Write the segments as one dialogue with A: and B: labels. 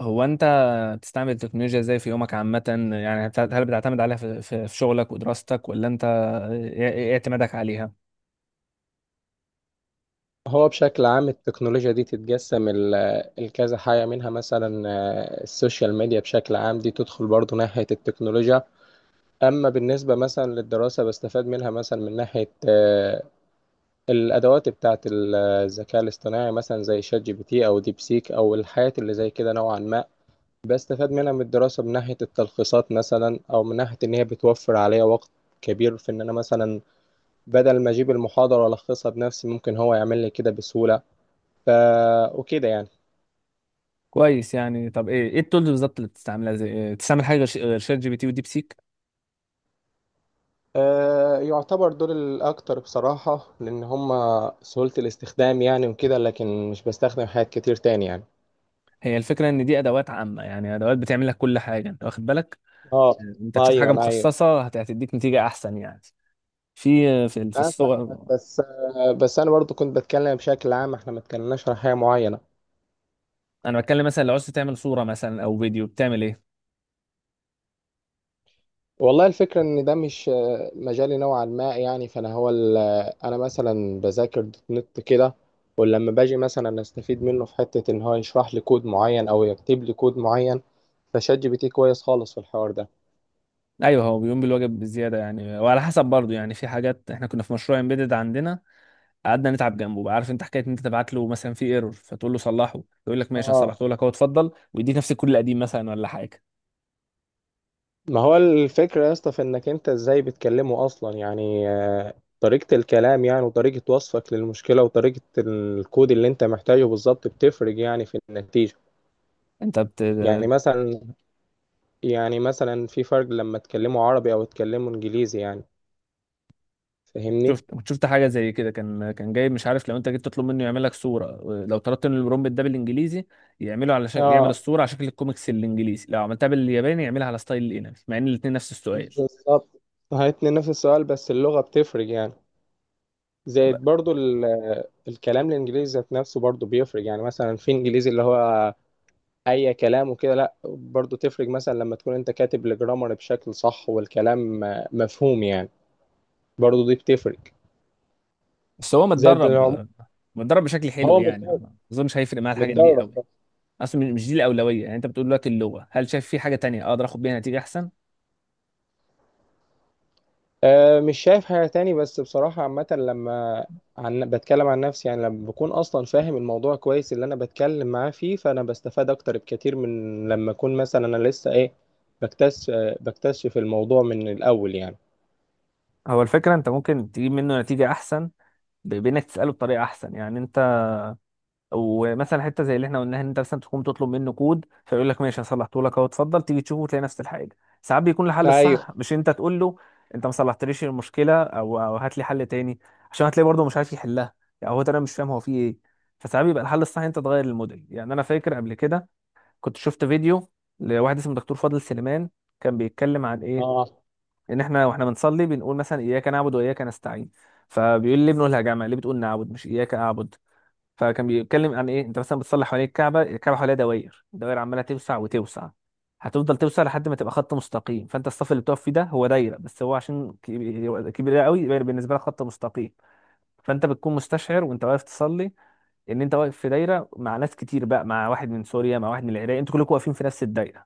A: هو انت بتستعمل التكنولوجيا ازاي في يومك عامة؟ يعني هل بتعتمد عليها في شغلك ودراستك، ولا انت ايه اعتمادك عليها؟
B: هو بشكل عام التكنولوجيا دي تتجسم الكذا حاجة منها مثلا، السوشيال ميديا بشكل عام دي تدخل برضو ناحية التكنولوجيا. أما بالنسبة مثلا للدراسة بستفاد منها مثلا من ناحية الأدوات بتاعة الذكاء الاصطناعي مثلا زي شات جي بي تي أو ديب سيك أو الحاجات اللي زي كده نوعا ما، بستفاد منها من الدراسة من ناحية التلخيصات مثلا، أو من ناحية إن هي بتوفر عليا وقت كبير في إن أنا مثلا بدل ما أجيب المحاضرة وألخصها بنفسي ممكن هو يعمل لي كده بسهولة. ف... وكده يعني.
A: كويس. يعني طب ايه التولز بالظبط اللي بتستعملها؟ زي بتستعمل حاجة غير غير شات جي بي تي وديب سيك؟
B: يعتبر دول الأكتر بصراحة، لأن هما سهولة الاستخدام يعني وكده، لكن مش بستخدم حاجات كتير تاني يعني.
A: هي الفكرة ان دي ادوات عامة، يعني ادوات بتعمل لك كل حاجة، انت واخد بالك؟
B: اه،
A: انت تشوف
B: أيوه
A: حاجة
B: أيوه،
A: مخصصة هتديك نتيجة احسن يعني، في
B: أنا فاهمك.
A: الصور.
B: بس بس أنا برضو كنت بتكلم بشكل عام، احنا ما اتكلمناش عن حاجة معينة.
A: انا بتكلم مثلا لو عايز تعمل صورة مثلا او فيديو بتعمل ايه؟
B: والله الفكرة إن ده مش مجالي نوعا ما يعني. فأنا هو ال- آه، أنا مثلا بذاكر دوت نت كده، ولما باجي مثلا أستفيد منه في حتة إن هو يشرح لي كود معين أو يكتب لي كود معين، فشات جي بي تي كويس خالص في الحوار ده.
A: ايوه، هو بيقوم بالواجب بزياده، يعني وعلى حسب برضه يعني. في حاجات، احنا كنا في مشروع امبيدد عندنا قعدنا نتعب جنبه، بقى عارف انت حكايه ان انت تبعت له مثلا في ايرور فتقول له صلحه، يقول لك ماشي
B: اه،
A: هصلحته لك، هو اتفضل، ويديك نفس الكود القديم مثلا ولا حاجه.
B: ما هو الفكرة يا اسطى في انك انت ازاي بتكلمه اصلا يعني، طريقة الكلام يعني، وطريقة وصفك للمشكلة، وطريقة الكود اللي انت محتاجه بالظبط بتفرق يعني في النتيجة.
A: انت بت...
B: يعني مثلا يعني مثلا في فرق لما تكلمه عربي او تكلمه انجليزي يعني. فاهمني؟
A: شفت، كنت شفت حاجه زي كده، كان جايب مش عارف، لو انت جيت تطلب منه يعمل لك صوره، لو طلبت من البرومبت ده بالانجليزي يعمله على شكل، يعمل
B: اه
A: الصوره على شكل الكوميكس الانجليزي، لو عملتها بالياباني يعملها على ستايل الانمي، مع ان الاثنين نفس السؤال.
B: بالظبط، هاتني نفس السؤال بس اللغة بتفرق يعني. زائد
A: طب-
B: برضو ال- الكلام الانجليزي ذات نفسه برضو بيفرق يعني. مثلا في انجليزي اللي هو اي كلام وكده لا، برضو تفرق مثلا لما تكون انت كاتب الجرامر بشكل صح والكلام مفهوم يعني، برضو دي بتفرق.
A: بس هو
B: زائد إن هو
A: متدرب، متدرب بشكل حلو يعني،
B: متدرب،
A: ما اظنش هيفرق معاه الحاجات دي
B: متدرب
A: قوي.
B: بقى.
A: اصلا مش دي الاولويه يعني. انت بتقول دلوقتي اللغه، هل شايف في حاجه تانية اقدر اخد بيها نتيجه احسن؟
B: أه، مش شايف حاجة تاني، بس بصراحة عامة لما بتكلم عن نفسي يعني، لما بكون اصلا فاهم الموضوع كويس اللي انا بتكلم معاه فيه، فانا بستفاد اكتر بكتير من لما اكون مثلا انا لسه ايه، بكتشف بكتشف الموضوع من الاول يعني.
A: هو الفكرة انت ممكن تجيب منه نتيجة احسن بانك تسأله بطريقة احسن يعني انت. ومثلا حتة زي اللي احنا قلناها، ان انت مثلا تقوم تطلب منه كود فيقول لك ماشي هصلحته لك، اهو اتفضل، تيجي تشوفه وتلاقي نفس الحاجة. ساعات بيكون الحل
B: ايوه
A: الصح مش انت تقول له انت ما صلحتليش المشكلة او هات لي حل تاني، عشان هتلاقي برضه مش عارف يحلها يعني. هو ده، انا مش فاهم هو فيه ايه. فساعات بيبقى الحل الصح إن انت تغير الموديل. يعني انا فاكر قبل كده كنت شفت فيديو لواحد اسمه دكتور فاضل سليمان، كان بيتكلم عن ايه؟
B: اه
A: ان احنا واحنا بنصلي بنقول مثلا اياك نعبد واياك نستعين، فبيقول لي ابنه الهجامه، ليه بتقول نعبد مش اياك اعبد؟ فكان بيتكلم عن ايه؟ انت مثلا بتصلي حوالين الكعبه، الكعبه حواليها دوائر دوائر عماله توسع وتوسع، هتفضل توسع لحد ما تبقى خط مستقيم. فانت الصف اللي بتقف فيه ده هو دايره، بس هو عشان كبير كبير قوي يبقى بالنسبه لك خط مستقيم. فانت بتكون مستشعر وانت واقف تصلي ان انت واقف في دايره مع ناس كتير بقى، مع واحد من سوريا، مع واحد من العراق، انتوا كلكم واقفين في نفس الدايره.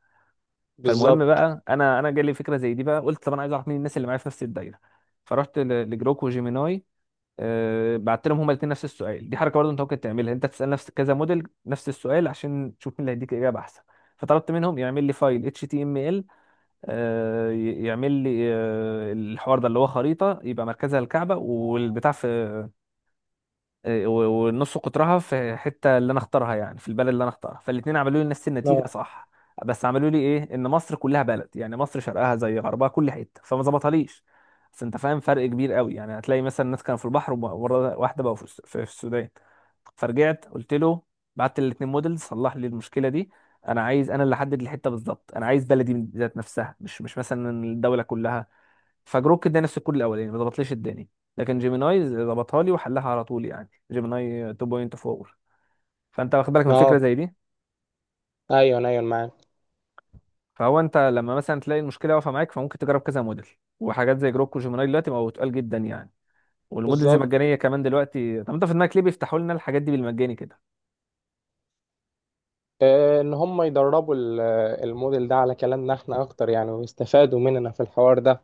A: فالمهم
B: بالظبط.
A: بقى، انا جالي فكره زي دي بقى، قلت طب انا عايز اعرف مين الناس اللي معايا في نفس الدايره. فرحت لجروك وجيميناي. أه، بعت لهم هما الاثنين نفس السؤال. دي حركه برضه انت ممكن تعملها، انت تسال نفس كذا موديل نفس السؤال عشان تشوف مين اللي هيديك اجابه احسن. فطلبت منهم يعمل لي فايل اتش تي ام ال، يعمل لي الحوار ده اللي هو خريطه، يبقى مركزها الكعبه والبتاع في إيه، و- والنص قطرها في الحته اللي انا اختارها، يعني في البلد اللي انا اختارها. فالاثنين عملوا لي نفس النتيجه،
B: اه
A: صح، بس عملوا لي ايه؟ ان مصر كلها بلد، يعني مصر شرقها زي غربها كل حته، فما ظبطهاليش. بس انت فاهم، فرق كبير قوي يعني، هتلاقي مثلا الناس كانوا في البحر ومره واحده بقوا في السودان. فرجعت قلت له، بعت الاثنين موديل، صلح لي المشكله دي، انا عايز انا اللي احدد الحته بالظبط، انا عايز بلدي ذات نفسها، مش مثلا الدوله كلها. فجروك اداني السكور الاولاني، ما ضبطليش الداني، لكن جيميناي ضبطها لي وحلها على طول يعني، جيميناي 2.4. فانت واخد بالك من فكره
B: اه
A: زي دي.
B: ايوه ايوه، معاك
A: فهو انت لما مثلا تلاقي المشكله واقفه معاك فممكن تجرب كذا موديل. وحاجات زي جروك وجيميناي دلوقتي بقوا تقال جدا يعني، والموديلز
B: بالظبط.
A: المجانيه كمان دلوقتي. طب انت في دماغك ليه بيفتحوا لنا الحاجات دي بالمجاني كده؟
B: ان هم يدربوا الموديل ده على كلامنا احنا اكتر يعني، ويستفادوا مننا في الحوار ده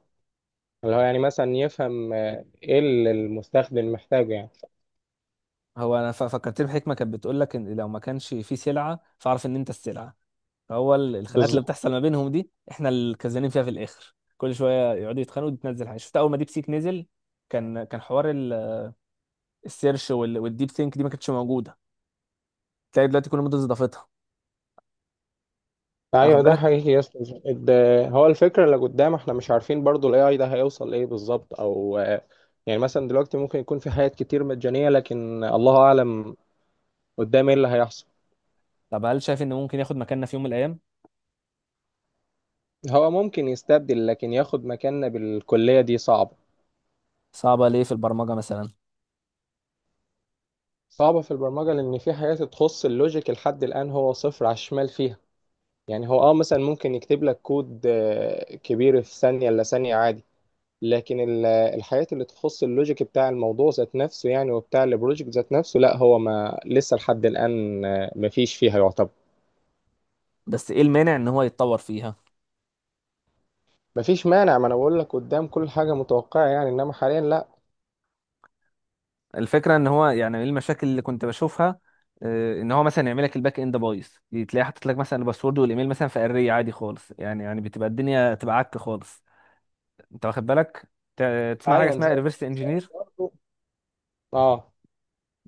B: اللي هو يعني مثلا يفهم ايه اللي المستخدم محتاجه يعني.
A: هو انا فكرت بحكمه كانت بتقول لك ان لو ما كانش في سلعه فاعرف ان انت السلعه. هو الخناقات اللي
B: بالظبط،
A: بتحصل ما بينهم دي احنا الكسبانين فيها في الاخر، كل شويه يقعدوا يتخانقوا وتنزل حاجه. شفت اول ما ديب سيك نزل، كان حوار السيرش والديب ثينك دي ما كانتش موجوده، تلاقي دلوقتي كل مدرس ضافتها. واخد
B: ايوه ده
A: بالك؟
B: حقيقي يا اسطى. هو الفكره اللي قدام احنا مش عارفين برضو الاي اي ده هيوصل لايه بالظبط، او يعني مثلا دلوقتي ممكن يكون في حاجات كتير مجانيه، لكن الله اعلم قدام ايه اللي هيحصل.
A: طب هل شايف ان ممكن ياخد مكاننا في يوم من الايام؟
B: هو ممكن يستبدل، لكن ياخد مكاننا بالكليه دي صعبه.
A: صعبه ليه في البرمجه مثلا؟
B: صعبة في البرمجة، لأن في حاجات تخص اللوجيك لحد الآن هو صفر على الشمال فيها. يعني هو مثلا ممكن يكتب لك كود كبير في ثانية إلا ثانية عادي، لكن الحاجات اللي تخص اللوجيك بتاع الموضوع ذات نفسه يعني، وبتاع البروجكت ذات نفسه، لا هو ما لسه لحد الآن مفيش فيها يعتبر.
A: بس ايه المانع ان هو يتطور فيها؟
B: مفيش مانع، ما انا بقول لك قدام كل حاجة متوقعة يعني، انما حاليا لا.
A: الفكره ان هو يعني ايه المشاكل اللي كنت بشوفها؟ ان هو مثلا يعمل لك الباك اند بايظ، تلاقيه حاطط لك مثلا الباسورد والايميل مثلا في اري عادي خالص، يعني يعني بتبقى الدنيا تبقى عك خالص. انت واخد بالك؟ تسمع حاجه
B: ايوه،
A: اسمها ريفرس
B: زي،
A: انجينير؟
B: برضه اه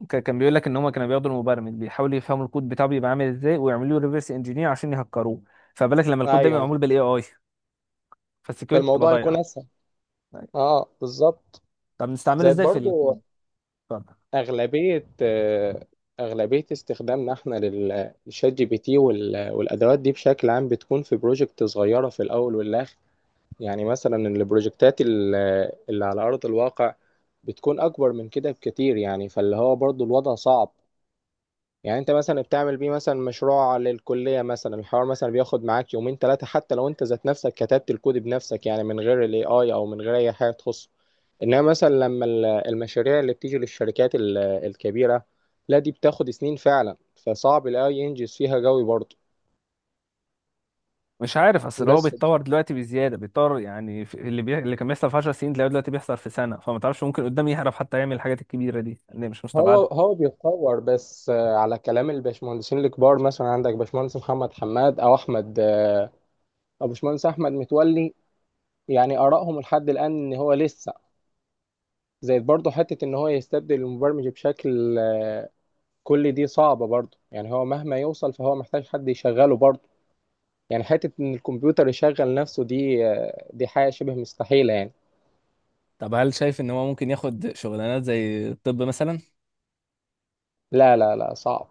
A: كان بيقول لك ان هم كانوا بياخدوا المبرمج بيحاولوا يفهموا الكود بتاعه بيبقى عامل ازاي، ويعملوا له ريفرس انجينير عشان يهكروه. فبالك لما الكود ده بيبقى
B: ايوه،
A: معمول بالاي اي، فالسكيورتي بتبقى
B: فالموضوع يكون
A: ضايعه.
B: اسهل. اه بالظبط،
A: طب نستعمله
B: زائد
A: ازاي في
B: برضه.
A: الكود؟ اتفضل.
B: أغلبية أغلبية استخدامنا احنا للشات جي بي تي والأدوات دي بشكل عام بتكون في بروجكت صغيرة في الأول والآخر. يعني مثلا اللي على أرض الواقع بتكون أكبر من كده بكتير يعني، فاللي هو برضو الوضع صعب. يعني انت مثلا بتعمل بيه مثلا مشروع للكلية مثلا، الحوار مثلا بياخد معاك يومين 3، حتى لو انت ذات نفسك كتبت الكود بنفسك يعني من غير الاي اي او من غير اي حاجة تخصه. انما مثلا لما المشاريع اللي بتيجي للشركات الكبيرة، لا دي بتاخد سنين فعلا، فصعب الاي ينجز فيها قوي برضه.
A: مش عارف، اصل هو
B: بس
A: بيتطور دلوقتي بزياده، بيتطور يعني اللي كان بيحصل في 10 سنين تلاقيه دلوقتي بيحصل في سنه، فما تعرفش ممكن قدام يعرف حتى يعمل الحاجات الكبيره دي، اللي مش مستبعده.
B: هو بيتطور، بس على كلام الباشمهندسين الكبار، مثلا عندك باشمهندس محمد حماد او احمد او باشمهندس احمد متولي، يعني ارائهم لحد الان ان هو لسه. زائد برضه حتة إن هو يستبدل المبرمج بشكل كلي دي صعبة برضه يعني، هو مهما يوصل فهو محتاج حد يشغله برضه. يعني حتة إن الكمبيوتر يشغل نفسه دي دي حاجة شبه مستحيلة يعني.
A: طب هل شايف ان هو ممكن ياخد شغلانات زي الطب مثلا؟
B: لا لا لا، صعب،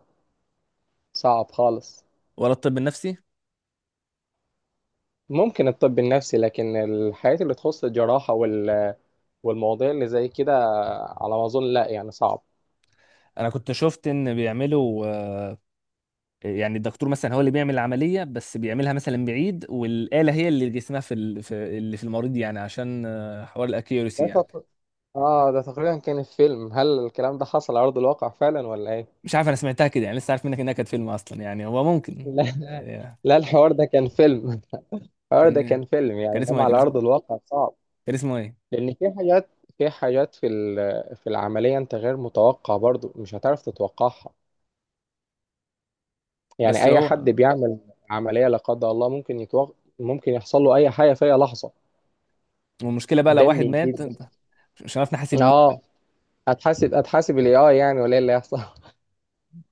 B: صعب خالص.
A: ولا الطب النفسي؟
B: ممكن الطب النفسي، لكن الحاجات اللي تخص الجراحة والمواضيع اللي زي كده، على ما أظن لا يعني، صعب.
A: انا كنت شفت ان بيعملوا، يعني الدكتور مثلا هو اللي بيعمل العملية بس بيعملها مثلا بعيد، والآلة هي اللي جسمها في اللي في المريض، يعني عشان حوار الاكيورسي
B: ده
A: يعني.
B: تق... آه ده تقريبا كان في فيلم، هل الكلام ده حصل على أرض الواقع فعلا ولا إيه؟
A: مش عارف، انا سمعتها كده يعني، لسه عارف منك انها كانت فيلم اصلا، يعني هو ممكن.
B: لا لا
A: آه،
B: لا، الحوار ده كان فيلم. اه
A: كان
B: ده
A: إيه؟
B: كان فيلم يعني،
A: كان اسمه
B: انما
A: ايه؟
B: على ارض الواقع صعب.
A: كان اسمه ايه؟
B: لان في حاجات، في العمليه انت غير متوقع، برضو مش هتعرف تتوقعها. يعني
A: بس
B: اي حد
A: هو.
B: بيعمل عمليه لا قدر الله ممكن ممكن يحصل له اي حاجه في اي لحظه.
A: والمشكلة بقى لو
B: دم
A: واحد
B: يزيد.
A: مات انت مش عارف نحاسب مين.
B: اه، هتحاسب الاي اي يعني، ولا ايه اللي هيحصل؟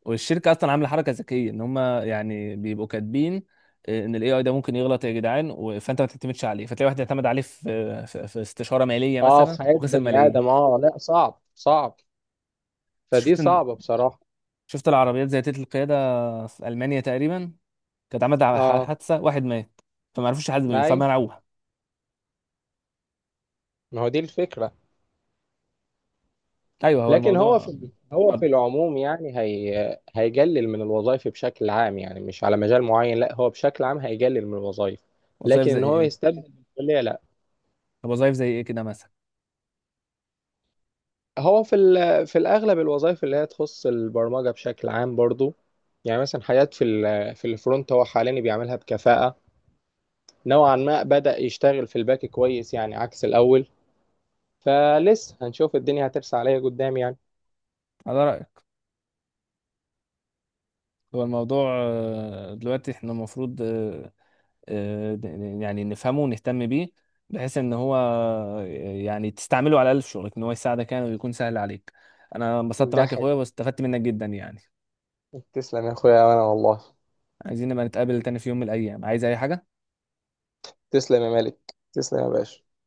A: والشركة اصلا عاملة حركة ذكية، ان هم يعني بيبقوا كاتبين ان الاي اي ده ممكن يغلط يا جدعان فانت ما تعتمدش عليه. فتلاقي واحد اعتمد عليه في استشارة مالية
B: اه،
A: مثلا
B: في حياه
A: وخسر
B: بني ادم،
A: ملايين.
B: اه لا صعب صعب، فدي
A: شفت
B: صعبه بصراحه.
A: شفت العربيات ذاتية القيادة في ألمانيا تقريبا كانت عملت
B: اه
A: حادثة، واحد مات فما عرفوش يحاسبوا مين
B: اي،
A: فمنعوها.
B: ما هو دي الفكره.
A: أيوه، هو
B: لكن
A: الموضوع.
B: هو في
A: اتفضل.
B: العموم يعني، هي هيقلل من الوظائف بشكل عام يعني، مش على مجال معين، لا هو بشكل عام هيقلل من الوظائف.
A: وظائف
B: لكن
A: زي
B: ان هو
A: إيه؟
B: يستبدل بالكلية لا.
A: طب وظائف زي إيه كده مثلا؟
B: هو في الاغلب الوظائف اللي هي تخص البرمجة بشكل عام برضو. يعني مثلا حاجات في الفرونت هو حاليا بيعملها بكفاءة نوعا ما، بدأ يشتغل في الباك كويس يعني عكس الاول. فلسه هنشوف الدنيا هترسى عليا قدام يعني.
A: على رأيك. هو الموضوع دلوقتي إحنا المفروض آه، د- يعني نفهمه ونهتم بيه، بحيث إن هو يعني تستعمله على الأقل في شغلك، إن هو يساعدك يعني ويكون سهل عليك. أنا انبسطت
B: ده
A: معاك يا
B: حقيقي،
A: أخويا واستفدت منك جدا يعني.
B: تسلم يا اخويا وانا والله.
A: عايزين نبقى نتقابل تاني في يوم من الأيام، عايز أي حاجة.
B: تسلم يا مالك، تسلم يا باشا.